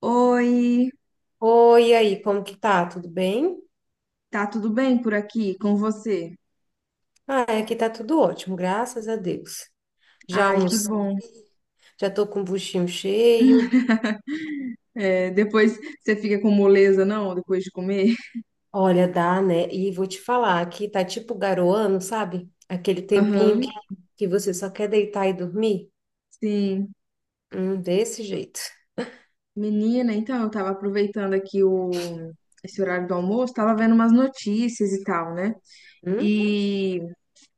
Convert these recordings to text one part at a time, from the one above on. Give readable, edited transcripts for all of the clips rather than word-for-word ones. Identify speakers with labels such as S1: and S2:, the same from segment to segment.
S1: Oi,
S2: Oi, e aí, como que tá? Tudo bem?
S1: tá tudo bem por aqui com você?
S2: Ah, aqui tá tudo ótimo, graças a Deus. Já
S1: Ai, que
S2: almocei,
S1: bom.
S2: já tô com o buchinho cheio.
S1: É, depois você fica com moleza, não? Depois de comer?
S2: Olha, dá, né? E vou te falar, aqui tá tipo garoando, sabe? Aquele tempinho que,
S1: Aham,
S2: que você só quer deitar e dormir.
S1: sim.
S2: Desse jeito.
S1: Menina, então eu tava aproveitando aqui esse horário do almoço, tava vendo umas notícias e tal, né?
S2: Hum?
S1: E,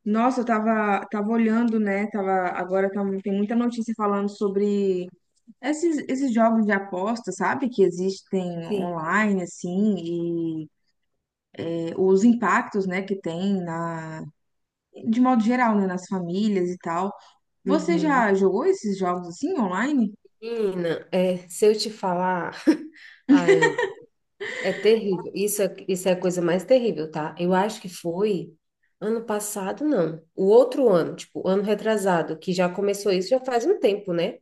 S1: nossa, eu tava, tava olhando, né? Tava, agora tem muita notícia falando sobre esses jogos de aposta, sabe? Que existem
S2: Sim.
S1: online, assim, os impactos, né, que tem na, de modo geral, né, nas famílias e tal. Você
S2: Uhum.
S1: já jogou esses jogos assim online?
S2: Menina, é, se eu te falar, ai, é terrível. Isso é a coisa mais terrível, tá? Eu acho que foi ano passado, não. O outro ano, tipo, ano retrasado, que já começou isso já faz um tempo, né?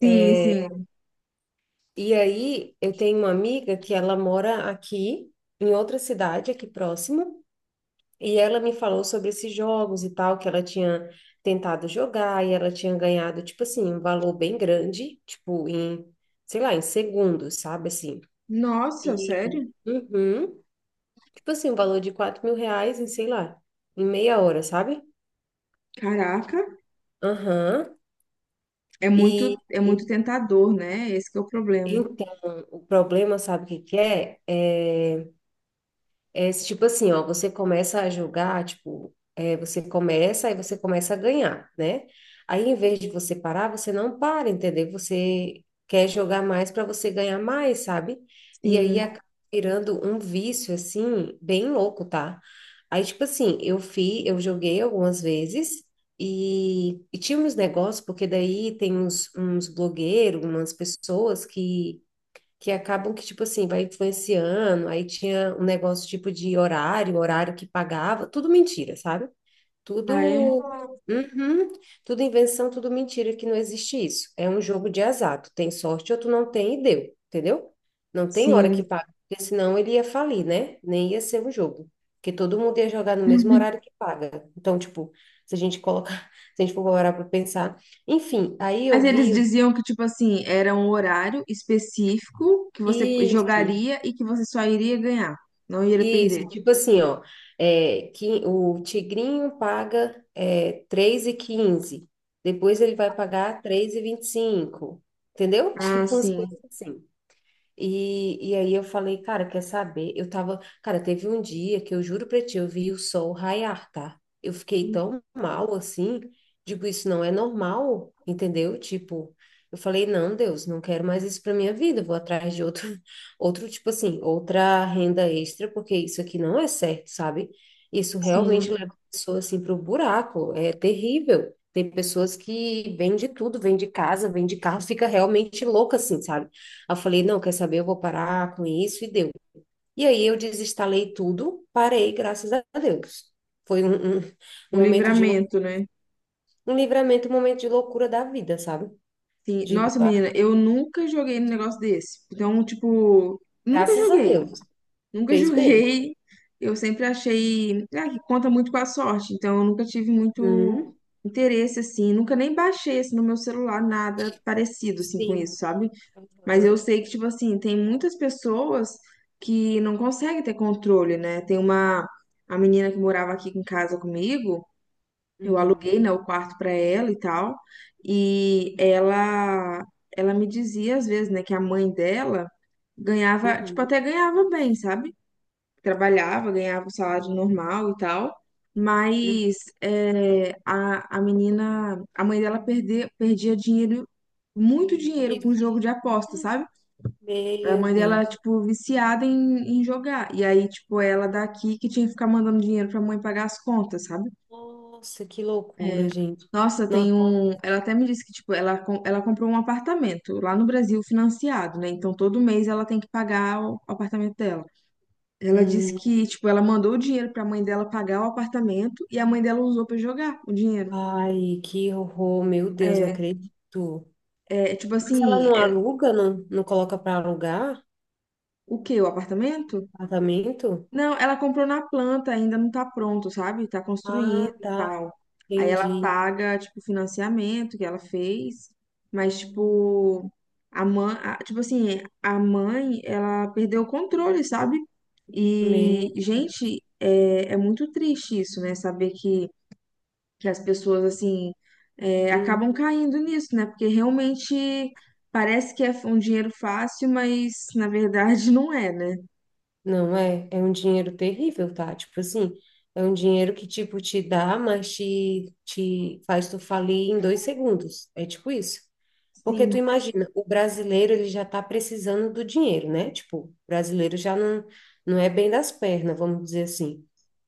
S1: Sim, sim.
S2: E aí eu tenho uma amiga que ela mora aqui, em outra cidade, aqui próximo, e ela me falou sobre esses jogos e tal, que ela tinha tentado jogar e ela tinha ganhado, tipo assim, um valor bem grande, tipo, em, sei lá, em segundos, sabe assim?
S1: Nossa,
S2: E.
S1: sério?
S2: Uhum. Tipo assim, um valor de R$ 4.000 em, sei lá, em meia hora, sabe?
S1: Caraca,
S2: Aham. E,
S1: é
S2: e-
S1: muito tentador, né? Esse que é o problema.
S2: então, o problema, sabe o que que é? É esse tipo assim, ó, você começa a jogar, tipo, é, você começa, aí você começa a ganhar, né? Aí, em vez de você parar, você não para, entendeu? Você quer jogar mais para você ganhar mais, sabe? E aí
S1: Sim.
S2: acaba virando um vício, assim, bem louco, tá? Aí, tipo assim, eu fiz, eu joguei algumas vezes e tinha uns negócios, porque daí tem uns blogueiros, umas pessoas que acabam que, tipo assim, vai influenciando. Aí tinha um negócio tipo de horário, um horário que pagava, tudo mentira, sabe?
S1: Ah, é?
S2: Tudo. Uhum, tudo invenção, tudo mentira, que não existe isso. É um jogo de azar. Tu tem sorte ou tu não tem e deu, entendeu? Não tem hora que
S1: Sim.
S2: paga, porque senão ele ia falir, né? Nem ia ser um jogo. Porque todo mundo ia jogar no mesmo horário que paga. Então, tipo, se a gente colocar, se a gente for parar para pensar. Enfim, aí eu
S1: Mas eles
S2: vi
S1: diziam que, tipo assim, era um horário específico que você
S2: isso.
S1: jogaria e que você só iria ganhar, não iria perder.
S2: Isso, tipo assim, ó, é, que o tigrinho paga é, 3h15, depois ele vai pagar três e 25, entendeu?
S1: Ah,
S2: Tipo umas
S1: sim,
S2: coisas assim. E aí eu falei, cara, quer saber? Eu tava, cara, teve um dia que eu juro pra ti, eu vi o sol raiar, tá? Eu fiquei tão mal assim, digo, isso não é normal, entendeu? Tipo, eu falei, não, Deus, não quero mais isso pra minha vida, eu vou atrás de outro, outro tipo assim, outra renda extra, porque isso aqui não é certo, sabe? Isso
S1: sim.
S2: realmente leva a pessoa assim pro buraco, é terrível. Tem pessoas que vendem tudo, vende casa, vende carro, fica realmente louca assim, sabe? Aí eu falei, não, quer saber, eu vou parar com isso e deu. E aí eu desinstalei tudo, parei, graças a Deus. Foi um
S1: Um
S2: momento de
S1: livramento, né?
S2: um livramento, um momento de loucura da vida, sabe?
S1: Sim.
S2: Digo,
S1: Nossa,
S2: ah,
S1: menina, eu nunca joguei num negócio desse. Então, tipo, nunca
S2: graças a
S1: joguei.
S2: Deus,
S1: Nunca
S2: fez bem.
S1: joguei. Eu sempre achei, ah, que conta muito com a sorte. Então, eu nunca tive muito
S2: Uhum.
S1: interesse, assim. Nunca nem baixei, assim, no meu celular nada parecido, assim, com
S2: Sim.
S1: isso, sabe? Mas eu
S2: Hã?
S1: sei que, tipo assim, tem muitas pessoas que não conseguem ter controle, né? Tem uma... A menina que morava aqui em casa comigo, eu
S2: Uhum.
S1: aluguei, né, o quarto para ela e tal, e ela me dizia às vezes, né, que a mãe dela ganhava, tipo,
S2: Uhum.
S1: até ganhava bem, sabe? Trabalhava, ganhava o salário normal e tal,
S2: Uhum.
S1: mas é, a menina, a mãe dela perdia dinheiro, muito dinheiro com
S2: Isso.
S1: jogo de aposta, sabe? A
S2: Meu
S1: mãe
S2: Deus.
S1: dela, tipo, viciada em, em jogar. E aí, tipo, ela daqui que tinha que ficar mandando dinheiro pra mãe pagar as contas, sabe?
S2: Nossa, que loucura,
S1: É.
S2: gente.
S1: Nossa, tem
S2: Nossa.
S1: um. Ela até me disse que, tipo, ela, ela comprou um apartamento lá no Brasil financiado, né? Então todo mês ela tem que pagar o apartamento dela. Ela disse
S2: Hum.
S1: que, tipo, ela mandou o dinheiro pra mãe dela pagar o apartamento e a mãe dela usou pra jogar o dinheiro.
S2: Ai, que horror, meu Deus, não
S1: É,
S2: acredito.
S1: é tipo
S2: Mas ela
S1: assim,
S2: não
S1: é,
S2: aluga, não, não coloca para alugar
S1: o quê? O apartamento?
S2: apartamento?
S1: Não, ela comprou na planta, ainda não tá pronto, sabe? Tá
S2: Ah,
S1: construindo e
S2: tá,
S1: tal. Aí ela
S2: entendi.
S1: paga, tipo, o financiamento que ela fez, mas, tipo, a mãe, tipo assim, a mãe, ela perdeu o controle, sabe? E,
S2: Me...
S1: gente, é, é muito triste isso, né? Saber que as pessoas, assim, é,
S2: hum,
S1: acabam caindo nisso, né? Porque realmente parece que é um dinheiro fácil, mas, na verdade, não é, né?
S2: não é, é um dinheiro terrível, tá? Tipo assim, é um dinheiro que tipo te dá, mas te faz tu falir em 2 segundos. É tipo isso. Porque tu
S1: Sim.
S2: imagina, o brasileiro ele já está precisando do dinheiro, né? Tipo, o brasileiro já não, não é bem das pernas, vamos dizer assim.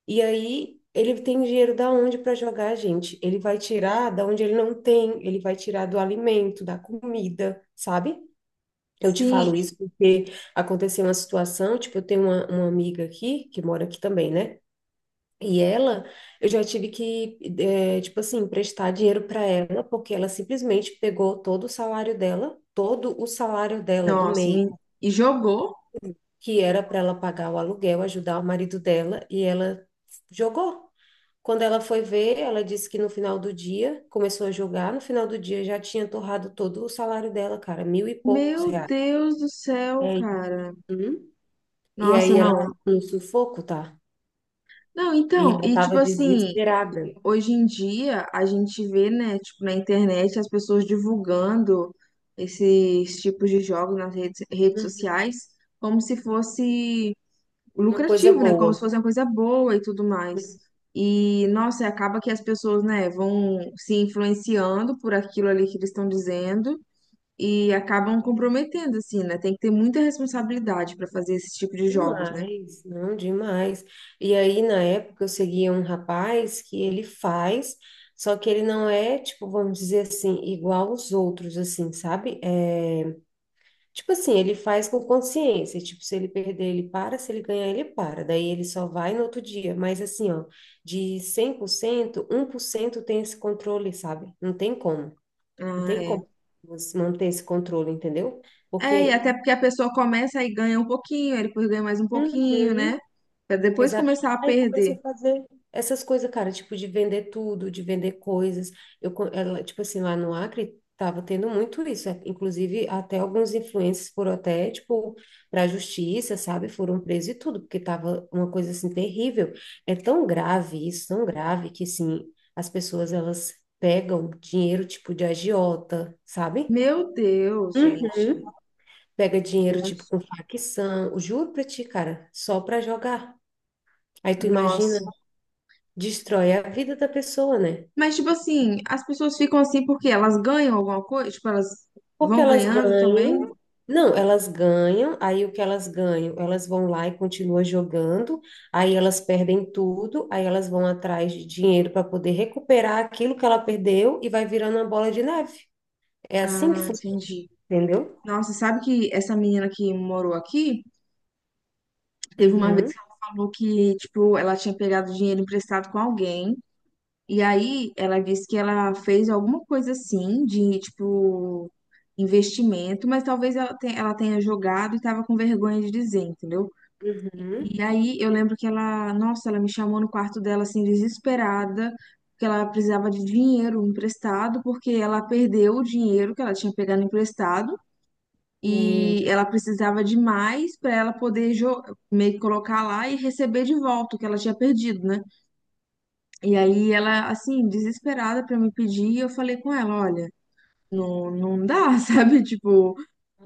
S2: E aí ele tem dinheiro da onde para jogar, gente? Ele vai tirar da onde ele não tem, ele vai tirar do alimento, da comida, sabe? Eu te
S1: Sim,
S2: falo isso porque aconteceu uma situação, tipo, eu tenho uma amiga aqui, que mora aqui também, né? E ela, eu já tive que, eh, tipo assim, emprestar dinheiro para ela, porque ela simplesmente pegou todo o salário dela, todo o salário dela do
S1: nossa,
S2: mês
S1: e jogou?
S2: que era para ela pagar o aluguel, ajudar o marido dela, e ela jogou. Quando ela foi ver, ela disse que no final do dia, começou a jogar, no final do dia já tinha torrado todo o salário dela, cara, mil e poucos
S1: Meu
S2: reais.
S1: Deus do céu,
S2: É.
S1: cara.
S2: Uhum. E aí
S1: Nossa,
S2: ela tá
S1: não.
S2: no sufoco, tá?
S1: Não,
S2: E
S1: então,
S2: ela
S1: e tipo
S2: tava
S1: assim,
S2: desesperada.
S1: hoje em dia a gente vê, né, tipo, na internet as pessoas divulgando esses tipos de jogos nas redes
S2: Uhum.
S1: sociais como se fosse
S2: Uma coisa
S1: lucrativo, né? Como se
S2: boa.
S1: fosse uma coisa boa e tudo mais. E, nossa, acaba que as pessoas, né, vão se influenciando por aquilo ali que eles estão dizendo e acabam comprometendo, assim, né? Tem que ter muita responsabilidade para fazer esse tipo de jogos, né?
S2: Demais, não, demais. E aí, na época, eu seguia um rapaz que ele faz, só que ele não é, tipo, vamos dizer assim, igual os outros, assim, sabe? É, tipo assim, ele faz com consciência, tipo, se ele perder, ele para, se ele ganhar, ele para, daí ele só vai no outro dia. Mas assim, ó, de 100%, 1% tem esse controle, sabe? Não tem como, não
S1: Ah,
S2: tem
S1: é.
S2: como você manter esse controle, entendeu?
S1: É, e
S2: Porque.
S1: até porque a pessoa começa e ganha um pouquinho, aí depois ganha mais um pouquinho,
S2: Uhum.
S1: né? Pra depois
S2: Exato.
S1: começar a
S2: Aí comecei
S1: perder.
S2: a fazer essas coisas, cara, tipo de vender tudo, de vender coisas. Ela, tipo assim, lá no Acre tava tendo muito isso, é, inclusive até alguns influencers foram até, tipo, para a justiça, sabe? Foram presos e tudo, porque tava uma coisa assim terrível. É tão grave isso, tão grave que assim, as pessoas elas pegam dinheiro tipo de agiota, sabe?
S1: Meu Deus, gente.
S2: Uhum. Pega
S1: Meu
S2: dinheiro tipo
S1: Deus.
S2: com facção, eu juro pra ti, cara, só pra jogar. Aí tu imagina,
S1: Nossa.
S2: destrói a vida da pessoa, né?
S1: Mas, tipo assim, as pessoas ficam assim porque elas ganham alguma coisa, tipo, elas
S2: Porque
S1: vão
S2: elas
S1: ganhando também.
S2: ganham, não, elas ganham, aí o que elas ganham? Elas vão lá e continuam jogando, aí elas perdem tudo, aí elas vão atrás de dinheiro para poder recuperar aquilo que ela perdeu e vai virando uma bola de neve. É assim que
S1: Ah,
S2: funciona,
S1: entendi.
S2: entendeu?
S1: Nossa, sabe que essa menina que morou aqui? Teve uma vez
S2: Uhum,
S1: que ela falou que, tipo, ela tinha pegado dinheiro emprestado com alguém. E aí ela disse que ela fez alguma coisa assim de, tipo, investimento, mas talvez ela ela tenha jogado e tava com vergonha de dizer, entendeu?
S2: uhum,
S1: E aí eu lembro que ela, nossa, ela me chamou no quarto dela assim, desesperada, porque ela precisava de dinheiro emprestado, porque ela perdeu o dinheiro que ela tinha pegado emprestado
S2: meu,
S1: e ela precisava de mais para ela poder meio que colocar lá e receber de volta o que ela tinha perdido, né? E aí ela, assim, desesperada para me pedir, eu falei com ela, olha, não, não dá, sabe? Tipo,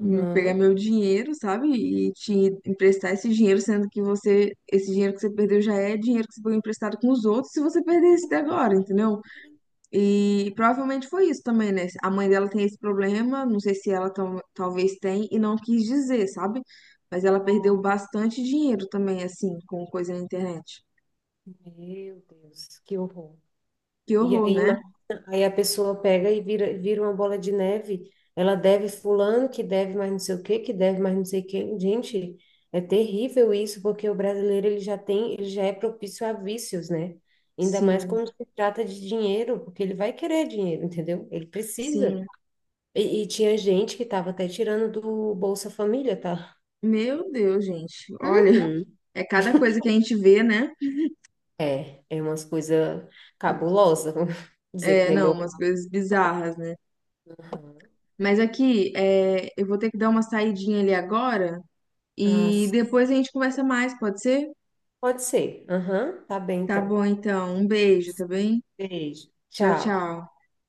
S1: pegar meu dinheiro, sabe? E te emprestar esse dinheiro, sendo que você, esse dinheiro que você perdeu já é dinheiro que você pegou emprestado com os outros, se você perder esse agora,
S2: Então,
S1: entendeu? E provavelmente foi isso também, né? A mãe dela tem esse problema, não sei se ela talvez tem e não quis dizer, sabe? Mas ela perdeu
S2: nossa,
S1: bastante dinheiro também, assim, com coisa na internet.
S2: meu Deus, que horror.
S1: Que
S2: E
S1: horror,
S2: aí,
S1: né?
S2: aí a pessoa pega e vira, vira uma bola de neve. Ela deve fulano, que deve mais não sei o quê, que deve mais não sei o quê. Gente, é terrível isso, porque o brasileiro ele já tem, ele já é propício a vícios, né? Ainda mais
S1: Sim,
S2: quando se trata de dinheiro, porque ele vai querer dinheiro, entendeu? Ele precisa.
S1: sim.
S2: E tinha gente que estava até tirando do Bolsa Família, tá?
S1: Meu Deus, gente. Olha,
S2: Uhum.
S1: é cada coisa que a gente vê, né?
S2: É, é umas coisas cabulosas, vamos dizer que
S1: É,
S2: nem
S1: não,
S2: meu.
S1: umas coisas bizarras, né?
S2: Uhum.
S1: Mas aqui, é, eu vou ter que dar uma saidinha ali agora
S2: Ah,
S1: e
S2: sim.
S1: depois a gente conversa mais, pode ser?
S2: Pode ser. Aham, tá bem
S1: Tá
S2: então.
S1: bom, então. Um beijo, tá bem?
S2: Beijo.
S1: Tchau,
S2: Tchau.
S1: tchau.